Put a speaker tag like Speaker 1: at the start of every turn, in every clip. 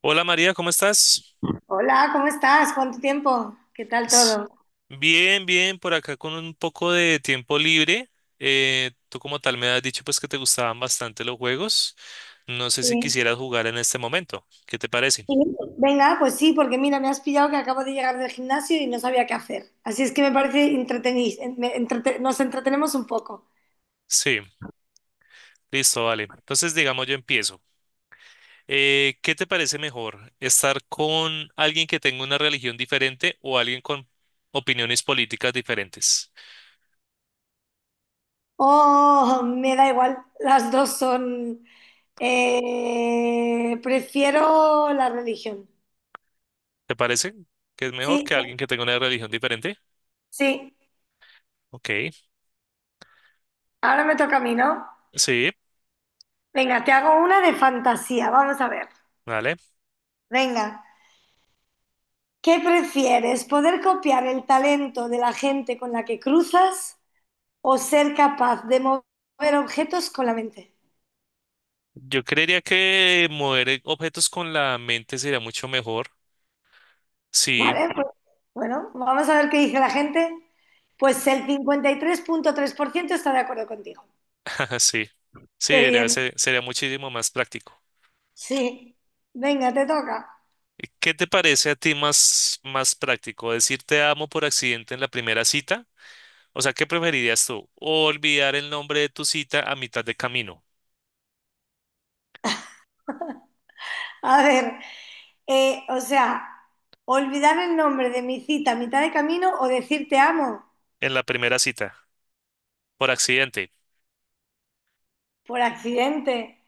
Speaker 1: Hola María, ¿cómo estás?
Speaker 2: Hola, ¿cómo estás? ¿Cuánto tiempo? ¿Qué tal
Speaker 1: S-
Speaker 2: todo?
Speaker 1: Bien, bien, por acá con un poco de tiempo libre. Tú como tal me has dicho pues que te gustaban bastante los juegos. No sé si
Speaker 2: Sí.
Speaker 1: quisieras jugar en este momento. ¿Qué te parece?
Speaker 2: Sí, venga, pues sí, porque mira, me has pillado que acabo de llegar del gimnasio y no sabía qué hacer. Así es que me parece nos entretenemos un poco.
Speaker 1: Sí, listo, vale. Entonces digamos yo empiezo. ¿Qué te parece mejor? ¿Estar con alguien que tenga una religión diferente o alguien con opiniones políticas diferentes?
Speaker 2: Oh, me da igual, las dos son, prefiero la religión.
Speaker 1: ¿Te parece que es mejor
Speaker 2: Sí,
Speaker 1: que alguien que tenga una religión diferente?
Speaker 2: sí,
Speaker 1: Ok,
Speaker 2: ahora me toca a mí, ¿no?
Speaker 1: sí,
Speaker 2: Venga, te hago una de fantasía, vamos a ver.
Speaker 1: vale.
Speaker 2: Venga. ¿Qué prefieres? ¿Poder copiar el talento de la gente con la que cruzas o ser capaz de mover objetos con la mente?
Speaker 1: Yo creería que mover objetos con la mente sería mucho mejor. Sí,
Speaker 2: Vale, pues, bueno, vamos a ver qué dice la gente. Pues el 53,3% está de acuerdo contigo.
Speaker 1: sí, sí,
Speaker 2: Qué
Speaker 1: sería,
Speaker 2: bien.
Speaker 1: sería muchísimo más práctico.
Speaker 2: Sí. Venga, te toca.
Speaker 1: ¿Qué te parece a ti más, más práctico? ¿Decir te amo por accidente en la primera cita? O sea, ¿qué preferirías tú? ¿O olvidar el nombre de tu cita a mitad de camino
Speaker 2: A ver, o sea, olvidar el nombre de mi cita a mitad de camino o decir te amo
Speaker 1: en la primera cita por accidente?
Speaker 2: por accidente.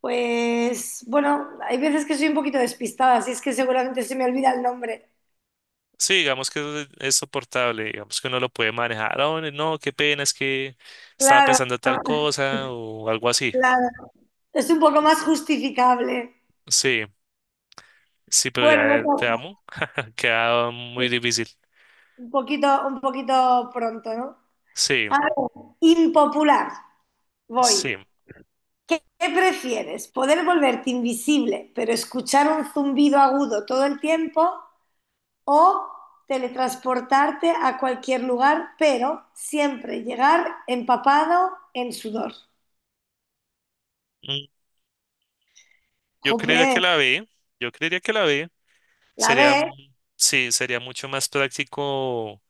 Speaker 2: Pues bueno, hay veces que soy un poquito despistada, así es que seguramente se me olvida el nombre.
Speaker 1: Sí, digamos que eso es soportable, digamos que uno lo puede manejar. "Ah, no, no, qué pena, es que estaba
Speaker 2: Claro,
Speaker 1: pensando tal cosa o algo así."
Speaker 2: claro. Es un poco más justificable.
Speaker 1: Sí. Sí, pero
Speaker 2: Bueno,
Speaker 1: ya
Speaker 2: no
Speaker 1: el te
Speaker 2: pasa.
Speaker 1: amo. Queda muy difícil.
Speaker 2: Un poquito pronto, ¿no?
Speaker 1: Sí,
Speaker 2: A ver, impopular. Voy.
Speaker 1: sí.
Speaker 2: ¿Qué prefieres? ¿Poder volverte invisible, pero escuchar un zumbido agudo todo el tiempo? ¿O teletransportarte a cualquier lugar, pero siempre llegar empapado en sudor?
Speaker 1: Mm, Yo
Speaker 2: Jope.
Speaker 1: creería que la B. Yo creería que la B.
Speaker 2: La
Speaker 1: Sería,
Speaker 2: ves,
Speaker 1: sí, sería mucho más práctico,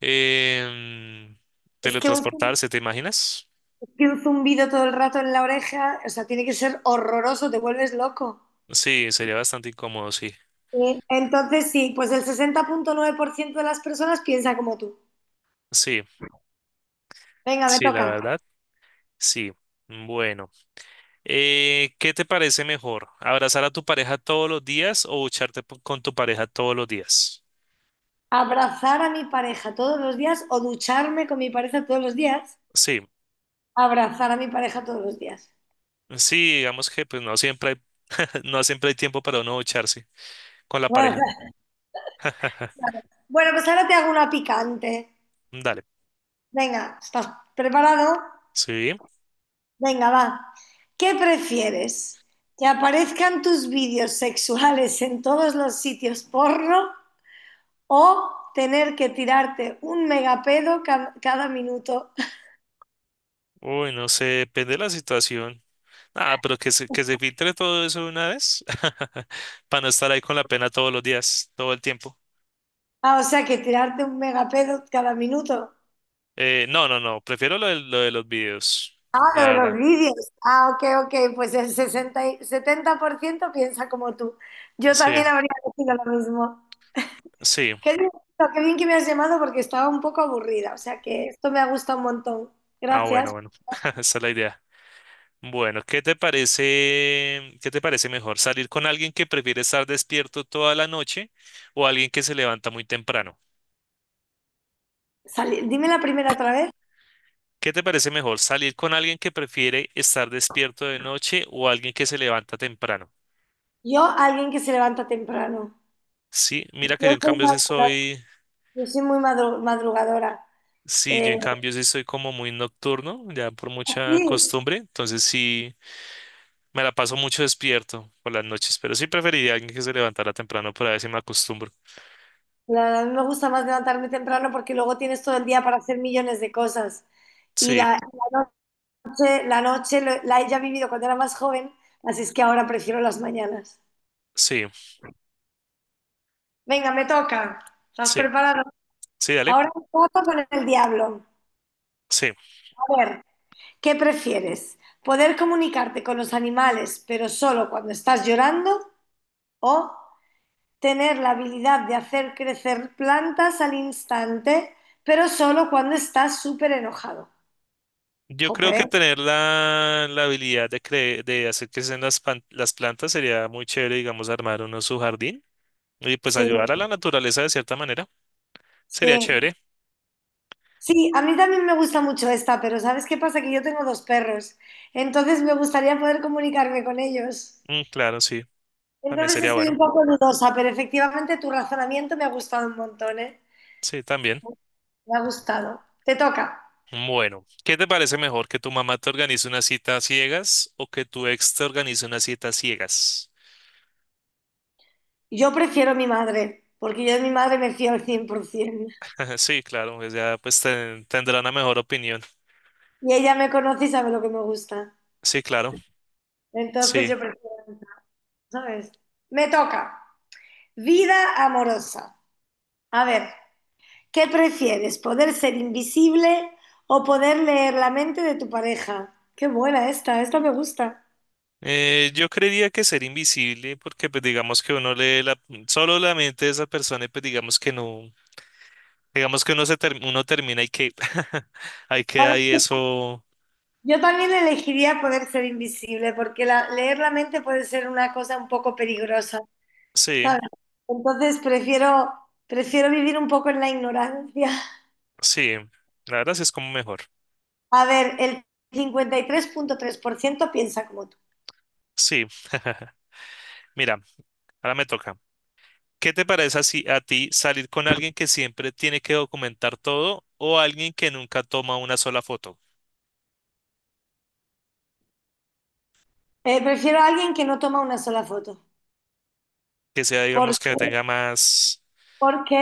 Speaker 1: em,
Speaker 2: es que un, zum-
Speaker 1: teletransportarse, ¿te imaginas?
Speaker 2: es que un zumbido todo el rato en la oreja, o sea, tiene que ser horroroso, te vuelves loco.
Speaker 1: Sí, sería bastante incómodo, sí.
Speaker 2: Sí, entonces sí, pues el 60,9% de las personas piensa como tú.
Speaker 1: Sí,
Speaker 2: Venga, me
Speaker 1: sí, la
Speaker 2: toca.
Speaker 1: verdad, sí. Bueno, ¿qué te parece mejor? ¿Abrazar a tu pareja todos los días o bucharte con tu pareja todos los días?
Speaker 2: Abrazar a mi pareja todos los días o ducharme con mi pareja todos los días.
Speaker 1: Sí.
Speaker 2: Abrazar a mi pareja todos los días.
Speaker 1: Sí, digamos que pues no siempre hay, no siempre hay tiempo para uno echarse con la pareja.
Speaker 2: Bueno, pues ahora te hago una picante.
Speaker 1: Dale.
Speaker 2: Venga, ¿estás preparado?
Speaker 1: Sí.
Speaker 2: Venga, va. ¿Qué prefieres? ¿Que aparezcan tus vídeos sexuales en todos los sitios porno o tener que tirarte un megapedo cada minuto?
Speaker 1: Uy, no sé, depende de la situación. Ah, pero que se filtre todo eso de una vez para no estar ahí con la pena todos los días, todo el tiempo.
Speaker 2: Ah, o sea, que tirarte un megapedo cada minuto.
Speaker 1: No, no, no, prefiero lo de los videos,
Speaker 2: Ah, lo
Speaker 1: la
Speaker 2: de los
Speaker 1: verdad.
Speaker 2: vídeos. Ah, ok, ok. Pues el 70% piensa como tú. Yo
Speaker 1: Sí,
Speaker 2: también habría decidido lo mismo.
Speaker 1: sí.
Speaker 2: Qué divertido, qué bien que me has llamado porque estaba un poco aburrida. O sea, que esto me ha gustado un montón.
Speaker 1: Ah, bueno,
Speaker 2: Gracias.
Speaker 1: bueno, esa es la idea. Bueno, ¿qué te parece mejor? ¿Salir con alguien que prefiere estar despierto toda la noche o alguien que se levanta muy temprano?
Speaker 2: Dime la primera otra vez.
Speaker 1: ¿Qué te parece mejor? ¿Salir con alguien que prefiere estar despierto de noche o alguien que se levanta temprano?
Speaker 2: Yo, alguien que se levanta temprano.
Speaker 1: Sí,
Speaker 2: Yo
Speaker 1: mira que yo en
Speaker 2: soy,
Speaker 1: cambio sí
Speaker 2: madruga-
Speaker 1: soy,
Speaker 2: yo soy muy madrugadora.
Speaker 1: sí, yo
Speaker 2: Eh,
Speaker 1: en cambio sí soy como muy nocturno, ya por mucha
Speaker 2: sí,
Speaker 1: costumbre, entonces sí me la paso mucho despierto por las noches, pero sí preferiría alguien que se levantara temprano para ver si me acostumbro.
Speaker 2: a mí me gusta más levantarme temprano porque luego tienes todo el día para hacer millones de cosas. Y
Speaker 1: Sí,
Speaker 2: la, la noche, la noche lo- la he ya vivido cuando era más joven, así es que ahora prefiero las mañanas.
Speaker 1: sí,
Speaker 2: Venga, me toca. ¿Estás
Speaker 1: sí,
Speaker 2: preparado?
Speaker 1: sí, dale.
Speaker 2: Ahora un trato con el diablo.
Speaker 1: Sí.
Speaker 2: A ver, ¿qué prefieres? ¿Poder comunicarte con los animales, pero solo cuando estás llorando? ¿O tener la habilidad de hacer crecer plantas al instante, pero solo cuando estás súper enojado?
Speaker 1: Yo creo
Speaker 2: Jope,
Speaker 1: que tener la habilidad de, de hacer crecer las, las plantas sería muy chévere, digamos, armar uno su jardín y pues
Speaker 2: sí,
Speaker 1: ayudar a la naturaleza de cierta manera. Sería
Speaker 2: sí.
Speaker 1: chévere.
Speaker 2: Sí, a mí también me gusta mucho esta, pero ¿sabes qué pasa? Que yo tengo dos perros, entonces me gustaría poder comunicarme con ellos.
Speaker 1: Claro, sí. También
Speaker 2: Entonces
Speaker 1: sería
Speaker 2: estoy un
Speaker 1: bueno.
Speaker 2: poco dudosa, pero efectivamente tu razonamiento me ha gustado un montón, ¿eh?
Speaker 1: Sí, también.
Speaker 2: Me ha gustado. Te toca.
Speaker 1: Bueno, ¿qué te parece mejor? ¿Que tu mamá te organice una cita a ciegas o que tu ex te organice una cita a ciegas?
Speaker 2: Yo prefiero mi madre, porque yo de mi madre me fío al 100%.
Speaker 1: Sí, claro, pues ya pues tendrá una mejor opinión.
Speaker 2: Y ella me conoce y sabe lo que me gusta.
Speaker 1: Sí, claro.
Speaker 2: Entonces
Speaker 1: Sí.
Speaker 2: yo prefiero. ¿Sabes? Me toca. Vida amorosa. A ver, ¿qué prefieres? ¿Poder ser invisible o poder leer la mente de tu pareja? Qué buena esta, esta me gusta.
Speaker 1: Yo creería que ser invisible, porque pues digamos que uno lee la, solo la mente de esa persona y pues digamos que no, digamos que uno uno termina y que ahí queda
Speaker 2: Ahora,
Speaker 1: ahí eso.
Speaker 2: yo también elegiría poder ser invisible, porque leer la mente puede ser una cosa un poco peligrosa,
Speaker 1: Sí,
Speaker 2: ¿sabes? Entonces prefiero vivir un poco en la ignorancia.
Speaker 1: sí, la verdad sí es como mejor.
Speaker 2: A ver, el 53,3% piensa como tú.
Speaker 1: Sí. Mira, ahora me toca. ¿Qué te parece así a ti salir con alguien que siempre tiene que documentar todo o alguien que nunca toma una sola foto?
Speaker 2: Prefiero a alguien que no toma una sola foto,
Speaker 1: Que sea, digamos, que tenga más.
Speaker 2: porque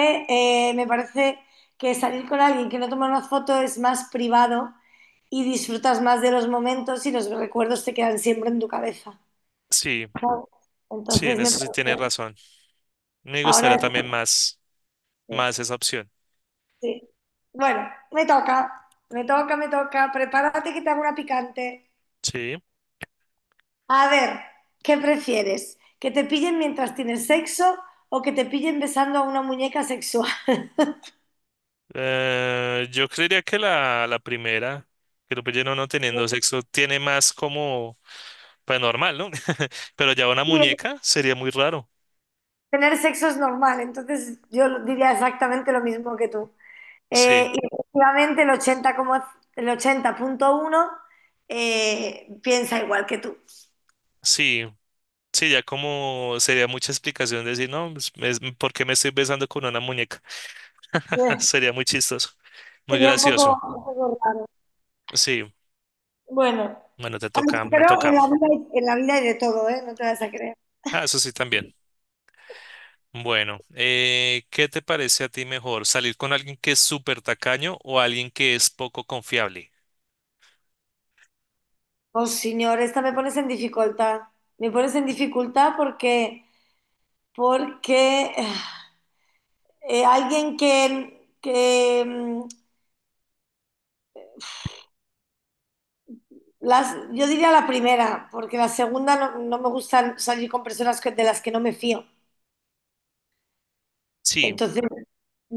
Speaker 2: me parece que salir con alguien que no toma una foto es más privado y disfrutas más de los momentos y los recuerdos te quedan siempre en tu cabeza.
Speaker 1: Sí,
Speaker 2: ¿Sabes?
Speaker 1: sí, en
Speaker 2: Entonces me
Speaker 1: eso sí tienes
Speaker 2: parece,
Speaker 1: razón. Me gustaría
Speaker 2: ahora
Speaker 1: también más,
Speaker 2: sí,
Speaker 1: más esa opción.
Speaker 2: sí. Bueno, me toca, me toca, me toca. Prepárate que te hago una picante.
Speaker 1: Sí,
Speaker 2: A ver, ¿qué prefieres? ¿Que te pillen mientras tienes sexo o que te pillen besando a una muñeca sexual?
Speaker 1: yo creería que la primera, que lo no teniendo sexo, tiene más como paranormal, ¿no? Pero ya una
Speaker 2: Sí,
Speaker 1: muñeca sería muy raro.
Speaker 2: tener sexo es normal, entonces yo diría exactamente lo mismo que tú.
Speaker 1: Sí,
Speaker 2: Y efectivamente el el 80,1 piensa igual que tú.
Speaker 1: sí, sí, ya como sería mucha explicación decir, no, pues, me- ¿por qué me estoy besando con una muñeca?
Speaker 2: Eh,
Speaker 1: Sería muy chistoso, muy
Speaker 2: Sería
Speaker 1: gracioso.
Speaker 2: un poco raro.
Speaker 1: Sí,
Speaker 2: Bueno,
Speaker 1: bueno, te
Speaker 2: ay,
Speaker 1: toca, me
Speaker 2: pero en
Speaker 1: toca.
Speaker 2: la vida, en la vida hay de todo, ¿eh? No te vas a creer.
Speaker 1: Ah, eso sí también. Bueno, ¿qué te parece a ti mejor? ¿Salir con alguien que es súper tacaño o alguien que es poco confiable?
Speaker 2: Oh, señor, esta me pones en dificultad. Me pones en dificultad porque, porque alguien que yo diría la primera, porque la segunda no, no me gusta salir con personas de las que no me fío.
Speaker 1: Sí,
Speaker 2: Entonces,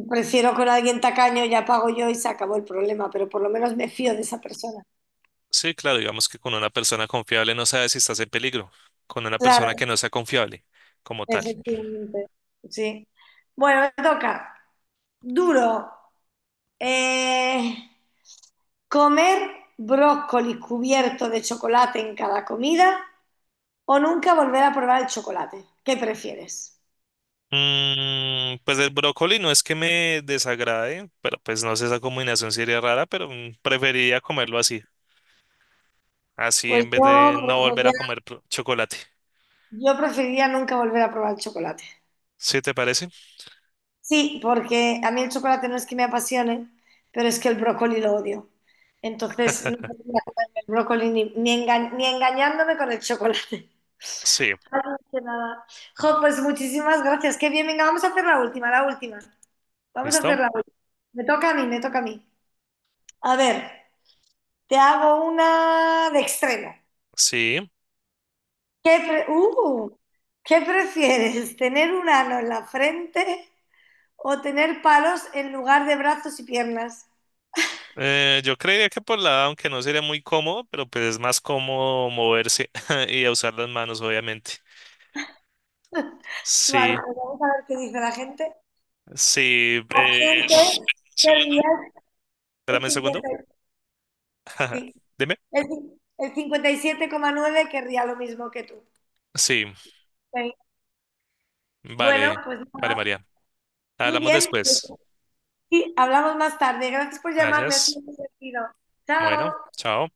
Speaker 2: prefiero con alguien tacaño, ya pago yo y se acabó el problema, pero por lo menos me fío de esa persona.
Speaker 1: sí, claro, digamos que con una persona confiable no sabes si estás en peligro, con una persona que
Speaker 2: Claro,
Speaker 1: no sea confiable como tal.
Speaker 2: efectivamente. Sí. Bueno, me toca. Duro. Eh, comer brócoli cubierto de chocolate en cada comida o nunca volver a probar el chocolate. ¿Qué prefieres?
Speaker 1: Pues el brócoli no es que me desagrade, pero pues no sé, esa combinación sería rara, pero preferiría comerlo así, así
Speaker 2: Pues
Speaker 1: en vez
Speaker 2: yo
Speaker 1: de no volver a
Speaker 2: preferiría,
Speaker 1: comer chocolate.
Speaker 2: preferiría nunca volver a probar el chocolate.
Speaker 1: ¿Sí te parece?
Speaker 2: Sí, porque a mí el chocolate no es que me apasione, pero es que el brócoli lo odio. Entonces no podría comerme el brócoli ni engañándome con el chocolate.
Speaker 1: Sí,
Speaker 2: Así que nada. Jo, pues muchísimas gracias. Qué bien, venga, vamos a hacer la última, la última. Vamos a
Speaker 1: ¿listo?
Speaker 2: hacer la última. Me toca a mí, me toca a mí. A ver, te hago una de extremo.
Speaker 1: Sí.
Speaker 2: ¿Qué, pre- uh, ¿Qué prefieres? ¿Tener un ano en la frente o tener palos en lugar de brazos y piernas?
Speaker 1: Yo creería que por la edad, aunque no sería muy cómodo, pero pues es más cómodo moverse y usar las manos, obviamente.
Speaker 2: Vale,
Speaker 1: Sí,
Speaker 2: pues vamos a ver qué dice la gente.
Speaker 1: sí.
Speaker 2: Absente,
Speaker 1: Segundo,
Speaker 2: querría el
Speaker 1: espérame un segundo.
Speaker 2: cincuenta y siete sí,
Speaker 1: Dime.
Speaker 2: el cin- el 57,9 querría lo mismo que tú.
Speaker 1: Sí,
Speaker 2: Sí. Bueno,
Speaker 1: vale,
Speaker 2: pues
Speaker 1: vale,
Speaker 2: nada,
Speaker 1: María.
Speaker 2: muy
Speaker 1: Hablamos
Speaker 2: bien.
Speaker 1: después.
Speaker 2: Sí, hablamos más tarde. Gracias por llamarme, ha
Speaker 1: Gracias.
Speaker 2: sido muy divertido. Chao.
Speaker 1: Bueno, chao.